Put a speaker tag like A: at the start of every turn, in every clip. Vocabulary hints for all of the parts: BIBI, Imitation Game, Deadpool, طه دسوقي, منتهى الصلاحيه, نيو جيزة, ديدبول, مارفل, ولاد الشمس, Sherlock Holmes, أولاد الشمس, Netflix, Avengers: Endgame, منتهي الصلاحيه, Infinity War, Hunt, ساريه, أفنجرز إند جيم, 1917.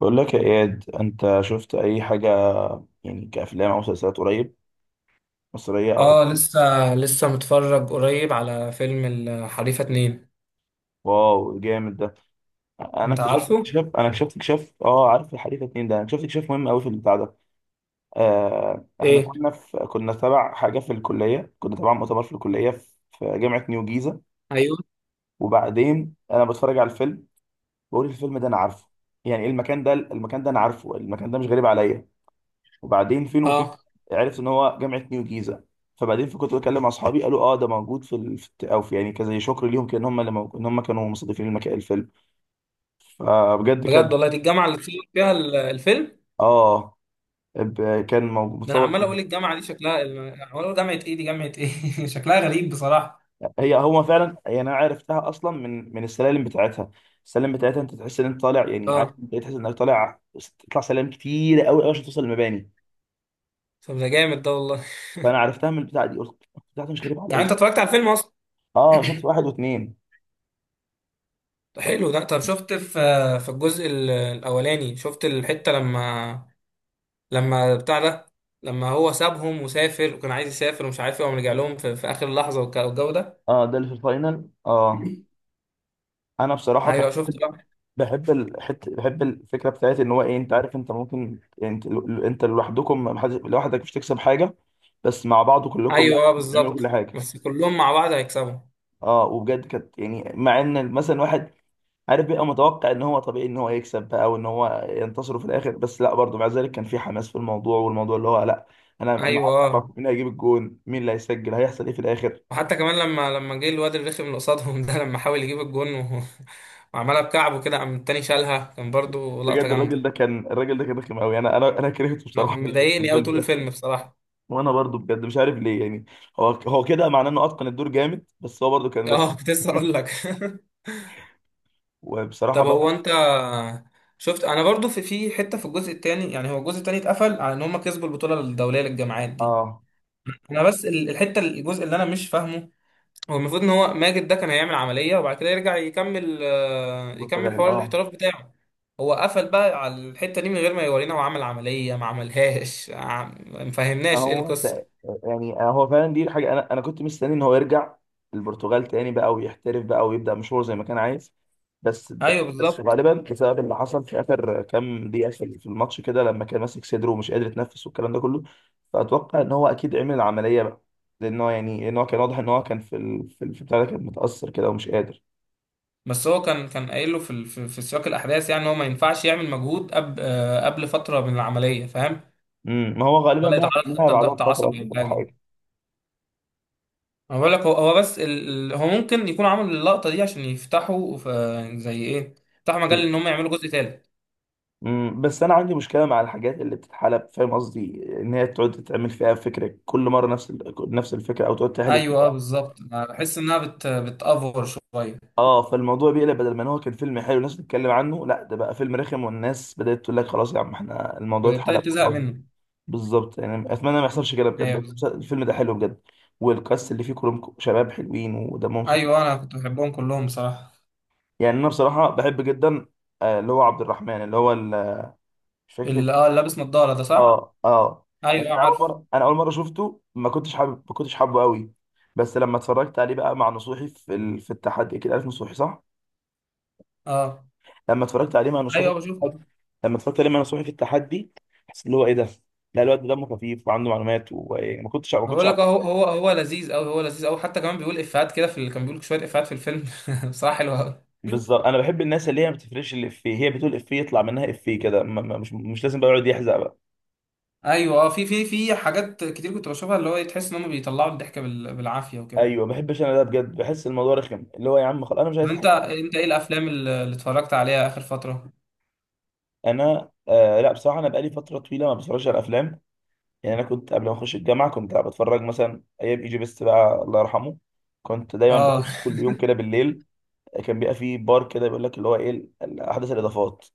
A: بقول لك يا إياد، أنت شفت أي حاجة يعني كأفلام أو مسلسلات قريب، مصرية أو
B: اه،
A: أجنبي؟
B: لسه متفرج قريب على فيلم الحريفة اتنين.
A: واو، جامد ده.
B: انت عارفه؟
A: أنا اكتشفت اكتشاف أه عارف الحديث اتنين ده؟ أنا اكتشفت اكتشاف مهم أوي في البتاع ده. إحنا
B: ايه؟
A: كنا تبع حاجة في الكلية، كنا تبع مؤتمر في الكلية في جامعة نيو جيزة.
B: ايوه.
A: وبعدين أنا بتفرج على الفيلم، بقول الفيلم ده أنا عارفه، يعني إيه؟ المكان ده أنا عارفه، المكان ده مش غريب عليا. وبعدين فين وفين؟
B: اه،
A: عرفت ان هو جامعه نيو جيزه. فبعدين كنت بكلم مع اصحابي، قالوا اه ده موجود في ال... في الت- او في يعني كزي شكر ليهم، كان هم ان هم كانوا مستضيفين المكان الفيلم. فبجد
B: بجد
A: كان،
B: والله، دي الجامعة اللي اتصور فيها الفيلم
A: اه كان موجود
B: ده. انا
A: متصور.
B: عمال اقول الجامعة دي شكلها، عمال اقول جامعة ايه دي، جامعة ايه شكلها غريب بصراحة.
A: هو فعلا، يعني انا عرفتها اصلا من السلالم بتاعتها. السلالم بتاعتها انت تحس ان انت طالع، يعني عارف،
B: اه،
A: انت تحس انك طالع، تطلع سلالم كتير قوي قوي عشان توصل المباني.
B: طب ده جامد ده والله.
A: فانا عرفتها من البتاعه دي، قلت بتاعتها مش غريبه
B: يعني
A: عليا.
B: انت اتفرجت على الفيلم اصلا؟
A: اه شفت واحد واثنين.
B: ده حلو ده. طب، شفت في الجزء الاولاني، شفت الحتة لما لما بتاع ده لما هو سابهم وسافر وكان عايز يسافر ومش عارف ايه وقام رجع لهم في اخر لحظة، والجو ده.
A: اه ده اللي في الفاينل، اه. انا بصراحه
B: ايوه، شفت.
A: بحب الحتة، بحب الفكرة بتاعت إن هو إيه، أنت عارف أنت ممكن يعني، أنت أنت لوحدكم، لوحدك مش تكسب حاجة، بس مع بعض كلكم لا،
B: ايوه، اه،
A: بتعملوا كل
B: بالظبط،
A: حاجة.
B: بس كلهم مع بعض هيكسبوا.
A: أه، وبجد كانت يعني، مع إن مثلا واحد عارف بيبقى متوقع إن هو طبيعي إن هو يكسب بقى وإن هو ينتصر في الآخر، بس لا برضه مع ذلك كان في حماس في الموضوع، والموضوع اللي هو لا، أنا ما
B: ايوه،
A: عارف أعرف
B: اه.
A: مين هيجيب الجون، مين اللي هيسجل، هيحصل إيه في الآخر.
B: وحتى كمان لما جه الواد الرخم اللي قصادهم، ده لما حاول يجيب الجون وعملها بكعبه كده، قام التاني شالها، كان برضو لقطة
A: بجد
B: جامدة.
A: الراجل ده كان رخم أوي، أنا كرهته
B: انا
A: بصراحة
B: كان
A: في
B: مضايقني قوي
A: الفيلم
B: طول
A: ده.
B: الفيلم بصراحة.
A: وانا برضو بجد مش عارف ليه، يعني هو كده معناه انه اتقن الدور جامد، بس هو برضو كان رخم.
B: اه، كنت لسه اقول لك.
A: وبصراحه
B: طب
A: برضو.
B: هو انت، شفت انا برضو في حتة في الجزء التاني؟ يعني هو الجزء التاني اتقفل على ان هم كسبوا البطولة الدولية للجامعات دي.
A: اه
B: انا بس الحتة، الجزء اللي انا مش فاهمه، هو المفروض ان هو ماجد ده كان هيعمل عملية وبعد كده يرجع يكمل
A: البرتغال،
B: حوار
A: اه.
B: الاحتراف بتاعه. هو قفل بقى على الحتة دي من غير ما يورينا هو عمل عملية ما عملهاش. ما فهمناش ايه
A: هو تق-
B: القصة.
A: يعني هو فعلا دي حاجه، انا كنت مستني ان هو يرجع البرتغال تاني بقى ويحترف بقى ويبدا مشوار زي ما كان عايز. بس
B: ايوه،
A: بس
B: بالظبط.
A: غالبا بسبب اللي حصل في اخر كام دقيقه في الماتش كده، لما كان ماسك صدره ومش قادر يتنفس والكلام ده كله، فاتوقع ان هو اكيد عمل العمليه بقى، لان هو يعني ان هو كان واضح ان هو كان في بتاع ده، كان متاثر كده ومش قادر.
B: بس هو كان قايل له في ال- في في سياق الاحداث، يعني إن هو ما ينفعش يعمل مجهود قبل فترة من العملية، فاهم؟
A: امم، ما هو غالبا
B: ولا
A: بقى
B: يتعرض
A: بعملها
B: حتى
A: بعدها
B: لضغط
A: بفتره
B: عصبي
A: اصلا
B: او
A: ولا
B: حاجة.
A: حاجه.
B: انا بقول لك هو بس هو ممكن يكون عمل اللقطة دي عشان يفتحوا آه، زي ايه يفتحوا مجال ان هم يعملوا جزء تالت.
A: امم، بس انا عندي مشكله مع الحاجات اللي بتتحلب، فاهم قصدي؟ ان هي تقعد تتعمل فيها فكره كل مره، نفس الفكره، او تقعد تهلف
B: ايوه، اه،
A: فيها.
B: بالظبط. أنا بحس انها بتأفور شويه،
A: اه، فالموضوع بيقلب، بدل ما إن هو كان فيلم حلو الناس بتتكلم عنه، لا ده بقى فيلم رخم والناس بدات تقول لك خلاص يا عم، احنا الموضوع
B: ابتدت
A: اتحلب
B: تزهق
A: خلاص.
B: منه.
A: بالظبط، يعني اتمنى ما يحصلش كده،
B: ايوه،
A: بجد
B: بالظبط.
A: الفيلم ده حلو بجد، والكاست اللي فيه كلهم شباب حلوين ودمهم خفيف.
B: ايوه، انا كنت بحبهم كلهم بصراحه.
A: يعني انا بصراحه بحب جدا آه، اللي هو عبد الرحمن، مش فاكر.
B: اللي لابس نظاره ده، صح؟
A: اه اه. يعني
B: ايوه، عارف.
A: انا اول مره شفته ما كنتش حابب، ما كنتش حابه قوي. بس لما اتفرجت عليه بقى مع نصوحي في التحدي، اكيد عارف نصوحي صح؟
B: اه،
A: لما اتفرجت عليه مع نصوحي
B: ايوه،
A: في التحدي
B: بشوفه.
A: لما اتفرجت عليه مع نصوحي في التحدي، حسيت اللي هو ايه ده، لا الواد ده دمه خفيف وعنده معلومات، وما كنتش ما
B: أنا
A: كنتش
B: بقول لك
A: عارف.
B: هو لذيذ قوي، هو لذيذ قوي. حتى كمان بيقول افيهات كده، في اللي كان بيقول شويه افيهات في الفيلم، بصراحه حلوه قوي.
A: بالظبط، انا بحب الناس اللي هي ما بتفرقش الافيه، هي بتقول افيه يطلع منها افيه كده، مش لازم بقى يقعد يحزق بقى.
B: ايوه، اه. في في حاجات كتير كنت بشوفها، اللي هو تحس ان هم بيطلعوا الضحك بالعافيه وكده.
A: ايوه، ما بحبش انا ده، بجد بحس الموضوع رخم، اللي هو يا عم خلاص، انا مش
B: طب
A: عايز
B: انت
A: اضحك.
B: انت ايه الافلام اللي اتفرجت عليها اخر فتره؟
A: انا آه لا بصراحه انا بقالي فتره طويله ما بتفرجش على افلام. يعني انا كنت قبل ما اخش الجامعه كنت بتفرج مثلا ايام ايجي بيست بقى، الله يرحمه. كنت دايما
B: اه.
A: بخش كل يوم كده بالليل. كان بيبقى فيه بار كده بيقول لك اللي هو ايه، احدث الاضافات،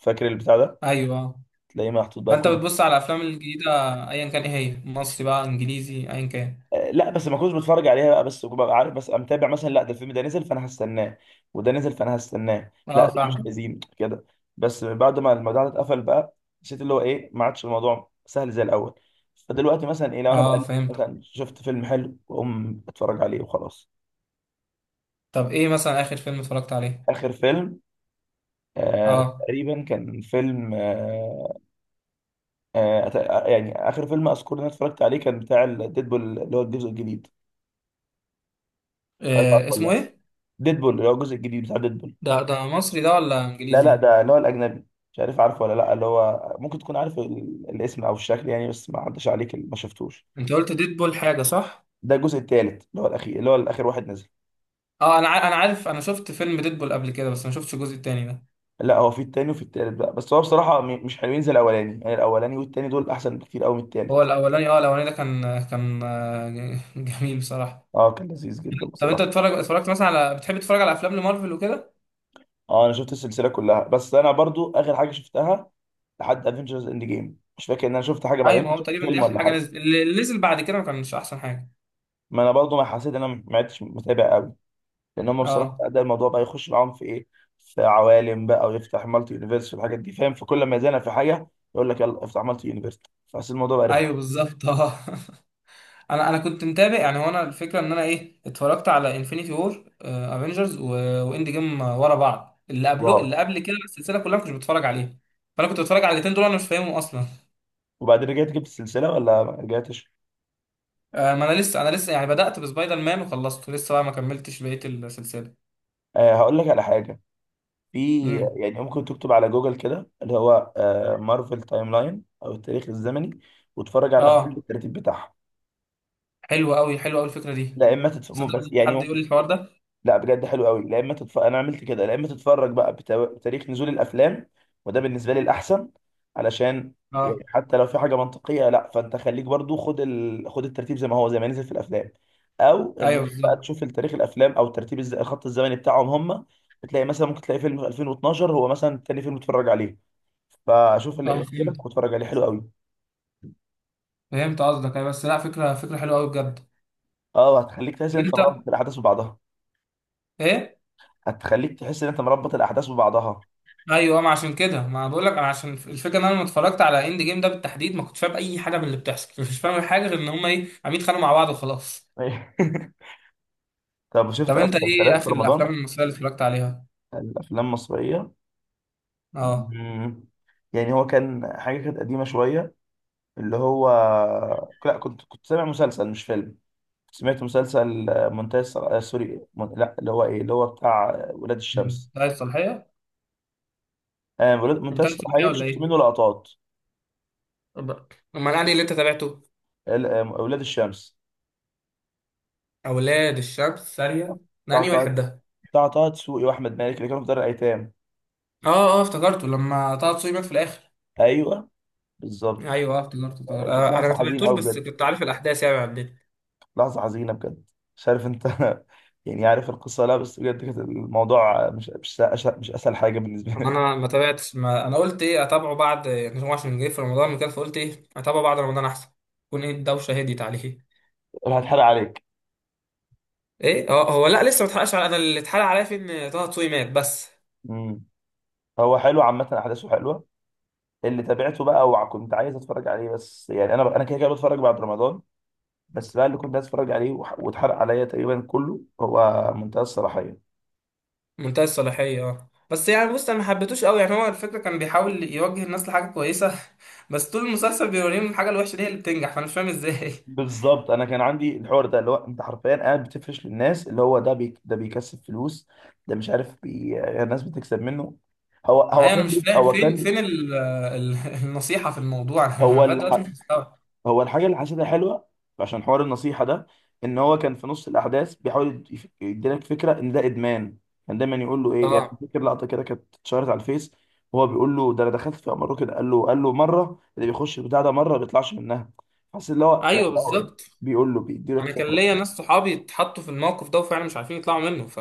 A: فاكر البتاع ده؟
B: ايوه، آه.
A: تلاقيه محطوط بقى
B: فانت
A: كل
B: بتبص على الافلام الجديده، ايا كان، ايه، هي مصري بقى انجليزي ايا كان.
A: آه، لا بس ما كنتش بتفرج عليها بقى، بس كنت ببقى عارف بس، متابع مثلا، لا ده الفيلم ده نزل فانا هستناه، وده نزل فانا هستناه، لا
B: اه،
A: ده مش
B: فاهم.
A: عايزين كده. بس بعد ما الموضوع ده اتقفل بقى، حسيت اللي هو ايه، ما عادش الموضوع سهل زي الاول. فدلوقتي مثلا ايه، لو انا
B: اه،
A: بقلب
B: فهمت.
A: مثلا شفت فيلم حلو واقوم اتفرج عليه وخلاص.
B: طب ايه مثلا اخر فيلم اتفرجت عليه؟
A: آخر فيلم، آه
B: اه.
A: تقريبا كان فيلم آه آه، يعني آخر فيلم أذكر إن أنا اتفرجت عليه كان بتاع ديدبول، اللي هو الجزء الجديد. مش عارف عارفه
B: إيه
A: ولا
B: اسمه،
A: لأ؟
B: ايه؟
A: ديدبول، اللي هو الجزء الجديد بتاع ديدبول.
B: ده مصري ده ولا
A: لا
B: انجليزي؟
A: لا ده اللي هو الأجنبي. مش عارف عارفه ولا لأ، اللي هو ممكن تكون عارف الاسم أو الشكل يعني، بس ما عداش عليك ما شفتوش.
B: انت قلت ديدبول حاجه، صح؟
A: ده الجزء التالت، اللي هو الأخير، اللي هو الآخر واحد نزل.
B: اه، انا عارف، انا شفت فيلم ديدبول قبل كده بس ما شفتش الجزء التاني ده.
A: لا، هو في التاني وفي التالت بقى، بس هو بصراحة مش حلوين زي الأولاني، يعني الأولاني والتاني دول أحسن بكتير أوي من
B: هو
A: التالت.
B: الاولاني، الاولاني ده، كان جميل بصراحه.
A: اه كان لذيذ جدا
B: طب انت
A: بصراحة.
B: بتتفرج، اتفرجت مثلا على بتحب تتفرج على افلام لمارفل وكده؟
A: اه انا شفت السلسله كلها، بس انا برضو اخر حاجه شفتها لحد افنجرز اند جيم، مش فاكر ان انا شفت حاجه بعدين،
B: ايوه، ما
A: كنت
B: هو
A: شفت
B: تقريبا دي
A: فيلم
B: اخر
A: ولا
B: حاجه
A: حاجه.
B: نزلت. اللي نزل بعد كده ما كانش احسن حاجه.
A: ما انا برضو ما حسيت ان انا ما عدتش متابع قوي، لان هم بصراحه
B: اه،
A: ده الموضوع بقى يخش معاهم في ايه، في عوالم بقى، ويفتح مالتي يونيفرس في الحاجات دي، فاهم؟ فكل ما يزنق في حاجه يقول لك يلا افتح مالتي يونيفرس، فحسيت الموضوع بقى رخم.
B: ايوه، بالظبط، اه. انا كنت متابع، يعني وانا الفكره ان انا اتفرجت على انفينيتي وور، افنجرز، واند جيم، ورا بعض. اللي قبله
A: واو.
B: اللي قبل كده السلسله كلها ما كنتش بتفرج عليها، فانا كنت بتفرج على الاثنين دول انا مش فاهمهم اصلا.
A: وبعدين رجعت جبت السلسله ولا ما رجعتش؟
B: ما انا لسه، يعني بدات بسبايدر مان وخلصته لسه بقى، ما كملتش بقيه السلسله.
A: آه هقول لك على حاجه، في
B: امم
A: يعني ممكن تكتب على جوجل كده اللي هو آه، مارفل تايم لاين او التاريخ الزمني، وتتفرج على الافلام
B: اه،
A: بالترتيب بتاعها.
B: حلوه قوي، حلوه قوي الفكره دي.
A: لا اما تتفرج
B: صدق،
A: بس
B: ممكن
A: يعني،
B: حد
A: ممكن.
B: يقول لي الحوار ده.
A: لا بجد حلو قوي، لا اما تتفرج، انا عملت كده، لا اما تتفرج بقى بتاريخ نزول الافلام، وده بالنسبه لي الاحسن، علشان
B: اه،
A: يعني حتى لو في حاجه منطقيه لا، فانت خليك برضو خد خد الترتيب زي ما هو، زي ما نزل في الافلام، او
B: ايوه،
A: ان بقى
B: بالظبط.
A: تشوف تاريخ الافلام او ترتيب الخط الزمني بتاعهم هم. وتلاقي مثلا، ممكن تلاقي فيلم 2012 هو مثلا تاني فيلم تتفرج عليه، فاشوف
B: اه،
A: اللي
B: فهمت،
A: يعجبك واتفرج عليه، حلو قوي.
B: فهمت قصدك. أيوة، بس لا، فكره، فكره حلوه قوي بجد.
A: اه، هتخليك تحس
B: طب
A: ان انت
B: انت
A: مربط الاحداث ببعضها.
B: ايه؟
A: هتخليك تحس ان انت مربط الاحداث ببعضها
B: ايوه، ما عشان كده ما بقول لك، انا عشان الفكره ان انا لما اتفرجت على اند جيم ده بالتحديد، ما كنتش فاهم اي حاجه من اللي بتحصل. مش فاهم حاجه غير ان هم عم يتخانقوا مع بعض وخلاص.
A: أيوة. طب شفت
B: طب
A: أي
B: انت
A: مسلسلات
B: ايه
A: في
B: اخر
A: رمضان؟
B: الافلام المصريه اللي اتفرجت عليها؟
A: الافلام المصريه.
B: اه،
A: مم. يعني هو كان حاجه كانت قديمه شويه، اللي هو، لا كنت سامع مسلسل مش فيلم. سمعت مسلسل آه، منتهى الصلاحيه، آه سوري، لا اللي هو ايه، اللي هو بتاع آه، ولاد الشمس.
B: منتهي الصلاحيه.
A: آه منتهى
B: منتهي الصلاحيه
A: الصلاحيه
B: ولا
A: شفت منه
B: ايه؟
A: لقطات.
B: طب- امال انهي اللي انت تابعته؟
A: ولاد الشمس
B: اولاد الشمس ساريه؟ ده
A: بتاع
B: انهي
A: طه،
B: واحد ده؟
A: طه دسوقي واحمد مالك اللي كانوا في دار الايتام.
B: اه، اه، افتكرته لما طه دسوقي مات في الاخر.
A: ايوه بالظبط.
B: ايوه، افتكرته، افتكرته.
A: كانت
B: انا
A: لحظه
B: ما
A: حزينه
B: تابعتوش
A: قوي
B: بس
A: بجد،
B: كنت عارف الاحداث يعني عندنا.
A: لحظه حزينه بجد. مش عارف انت. يعني عارف القصه، لا بس بجد كانت الموضوع، مش اسهل حاجه بالنسبه لي.
B: انا ما تابعتش، ما انا قلت اتابعه بعد نجم عشان جه في رمضان وكده، فقلت اتابعه بعد رمضان احسن، يكون ايه الدوشه هديت عليه.
A: أنا هتحرق عليك.
B: ايه، اه. هو لا، لسه ما اتحرقش على، انا اللي اتحرق عليا في ان طه دسوقي مات بس.
A: امم. هو حلو عامه، احداثه حلوه، اللي تابعته بقى وكنت عايز اتفرج عليه، بس يعني انا انا كده كده بتفرج بعد رمضان، بس بقى اللي كنت عايز اتفرج عليه واتحرق عليا تقريبا كله هو منتهى الصلاحيه.
B: منتهي الصلاحيه، اه، بس يعني بص، انا ما حبيتوش قوي، يعني هو الفكره كان بيحاول يوجه الناس لحاجه كويسه، بس طول المسلسل بيوريهم الحاجه الوحشه دي هي اللي بتنجح، فانا مش فاهم ازاي.
A: بالظبط، انا كان عندي الحوار ده، اللي هو انت حرفيا قاعد بتفرش للناس اللي هو ده، ده بيكسب فلوس، ده مش عارف، الناس بتكسب منه.
B: ايوه، انا مش فاهم
A: هو
B: فين
A: كان.
B: فين ال النصيحه في الموضوع. انا
A: هو
B: لغايه دلوقتي
A: الح...
B: مش مستوعب.
A: هو الحاجه اللي حسيتها حلوه عشان حوار النصيحه ده، ان هو كان في نص الاحداث بيحاول يديلك فكره ان ده ادمان. كان دايما يقول له ايه، يعني
B: اه،
A: فاكر لقطه كده كانت اتشهرت على الفيس، وهو بيقول له ده انا دخلت في امره كده، قال له قال له مره اللي بيخش البتاع ده مره ما بيطلعش منها، حاسس اللي هو لا،
B: ايوه،
A: هو
B: بالظبط.
A: بيقول له، بيديلك
B: انا كان ليا
A: فكره.
B: ناس صحابي اتحطوا في الموقف ده وفعلا مش عارفين يطلعوا منه،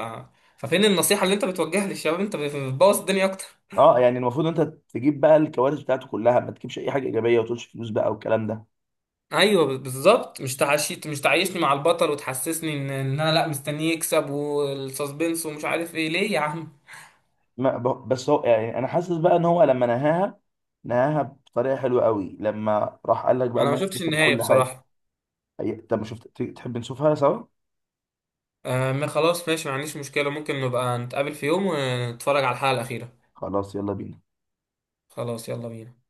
B: ففين النصيحة اللي انت بتوجهها للشباب؟ انت بتبوظ الدنيا اكتر.
A: اه يعني المفروض انت تجيب بقى الكوارث بتاعته كلها، ما تجيبش اي حاجه ايجابيه وتقولش فلوس بقى والكلام ده.
B: ايوه، بالظبط. مش تعيشني مع البطل وتحسسني ان انا لا، مستنيه يكسب والسسبنس ومش عارف ايه، ليه يا عم؟
A: ما ب- بس هو يعني انا حاسس بقى ان هو لما نهاها، نهاها بطريقه حلوه قوي لما راح قال لك بقى
B: انا
A: ان
B: ما
A: هو
B: شفتش
A: بياخد
B: النهاية
A: كل حاجه.
B: بصراحة.
A: طب ما شفت، تحب نشوفها سوا؟
B: آه، ما خلاص، ماشي، ما عنديش مشكلة. ممكن نبقى نتقابل في يوم ونتفرج على الحلقة الأخيرة.
A: خلاص يلا بينا.
B: خلاص، يلا بينا.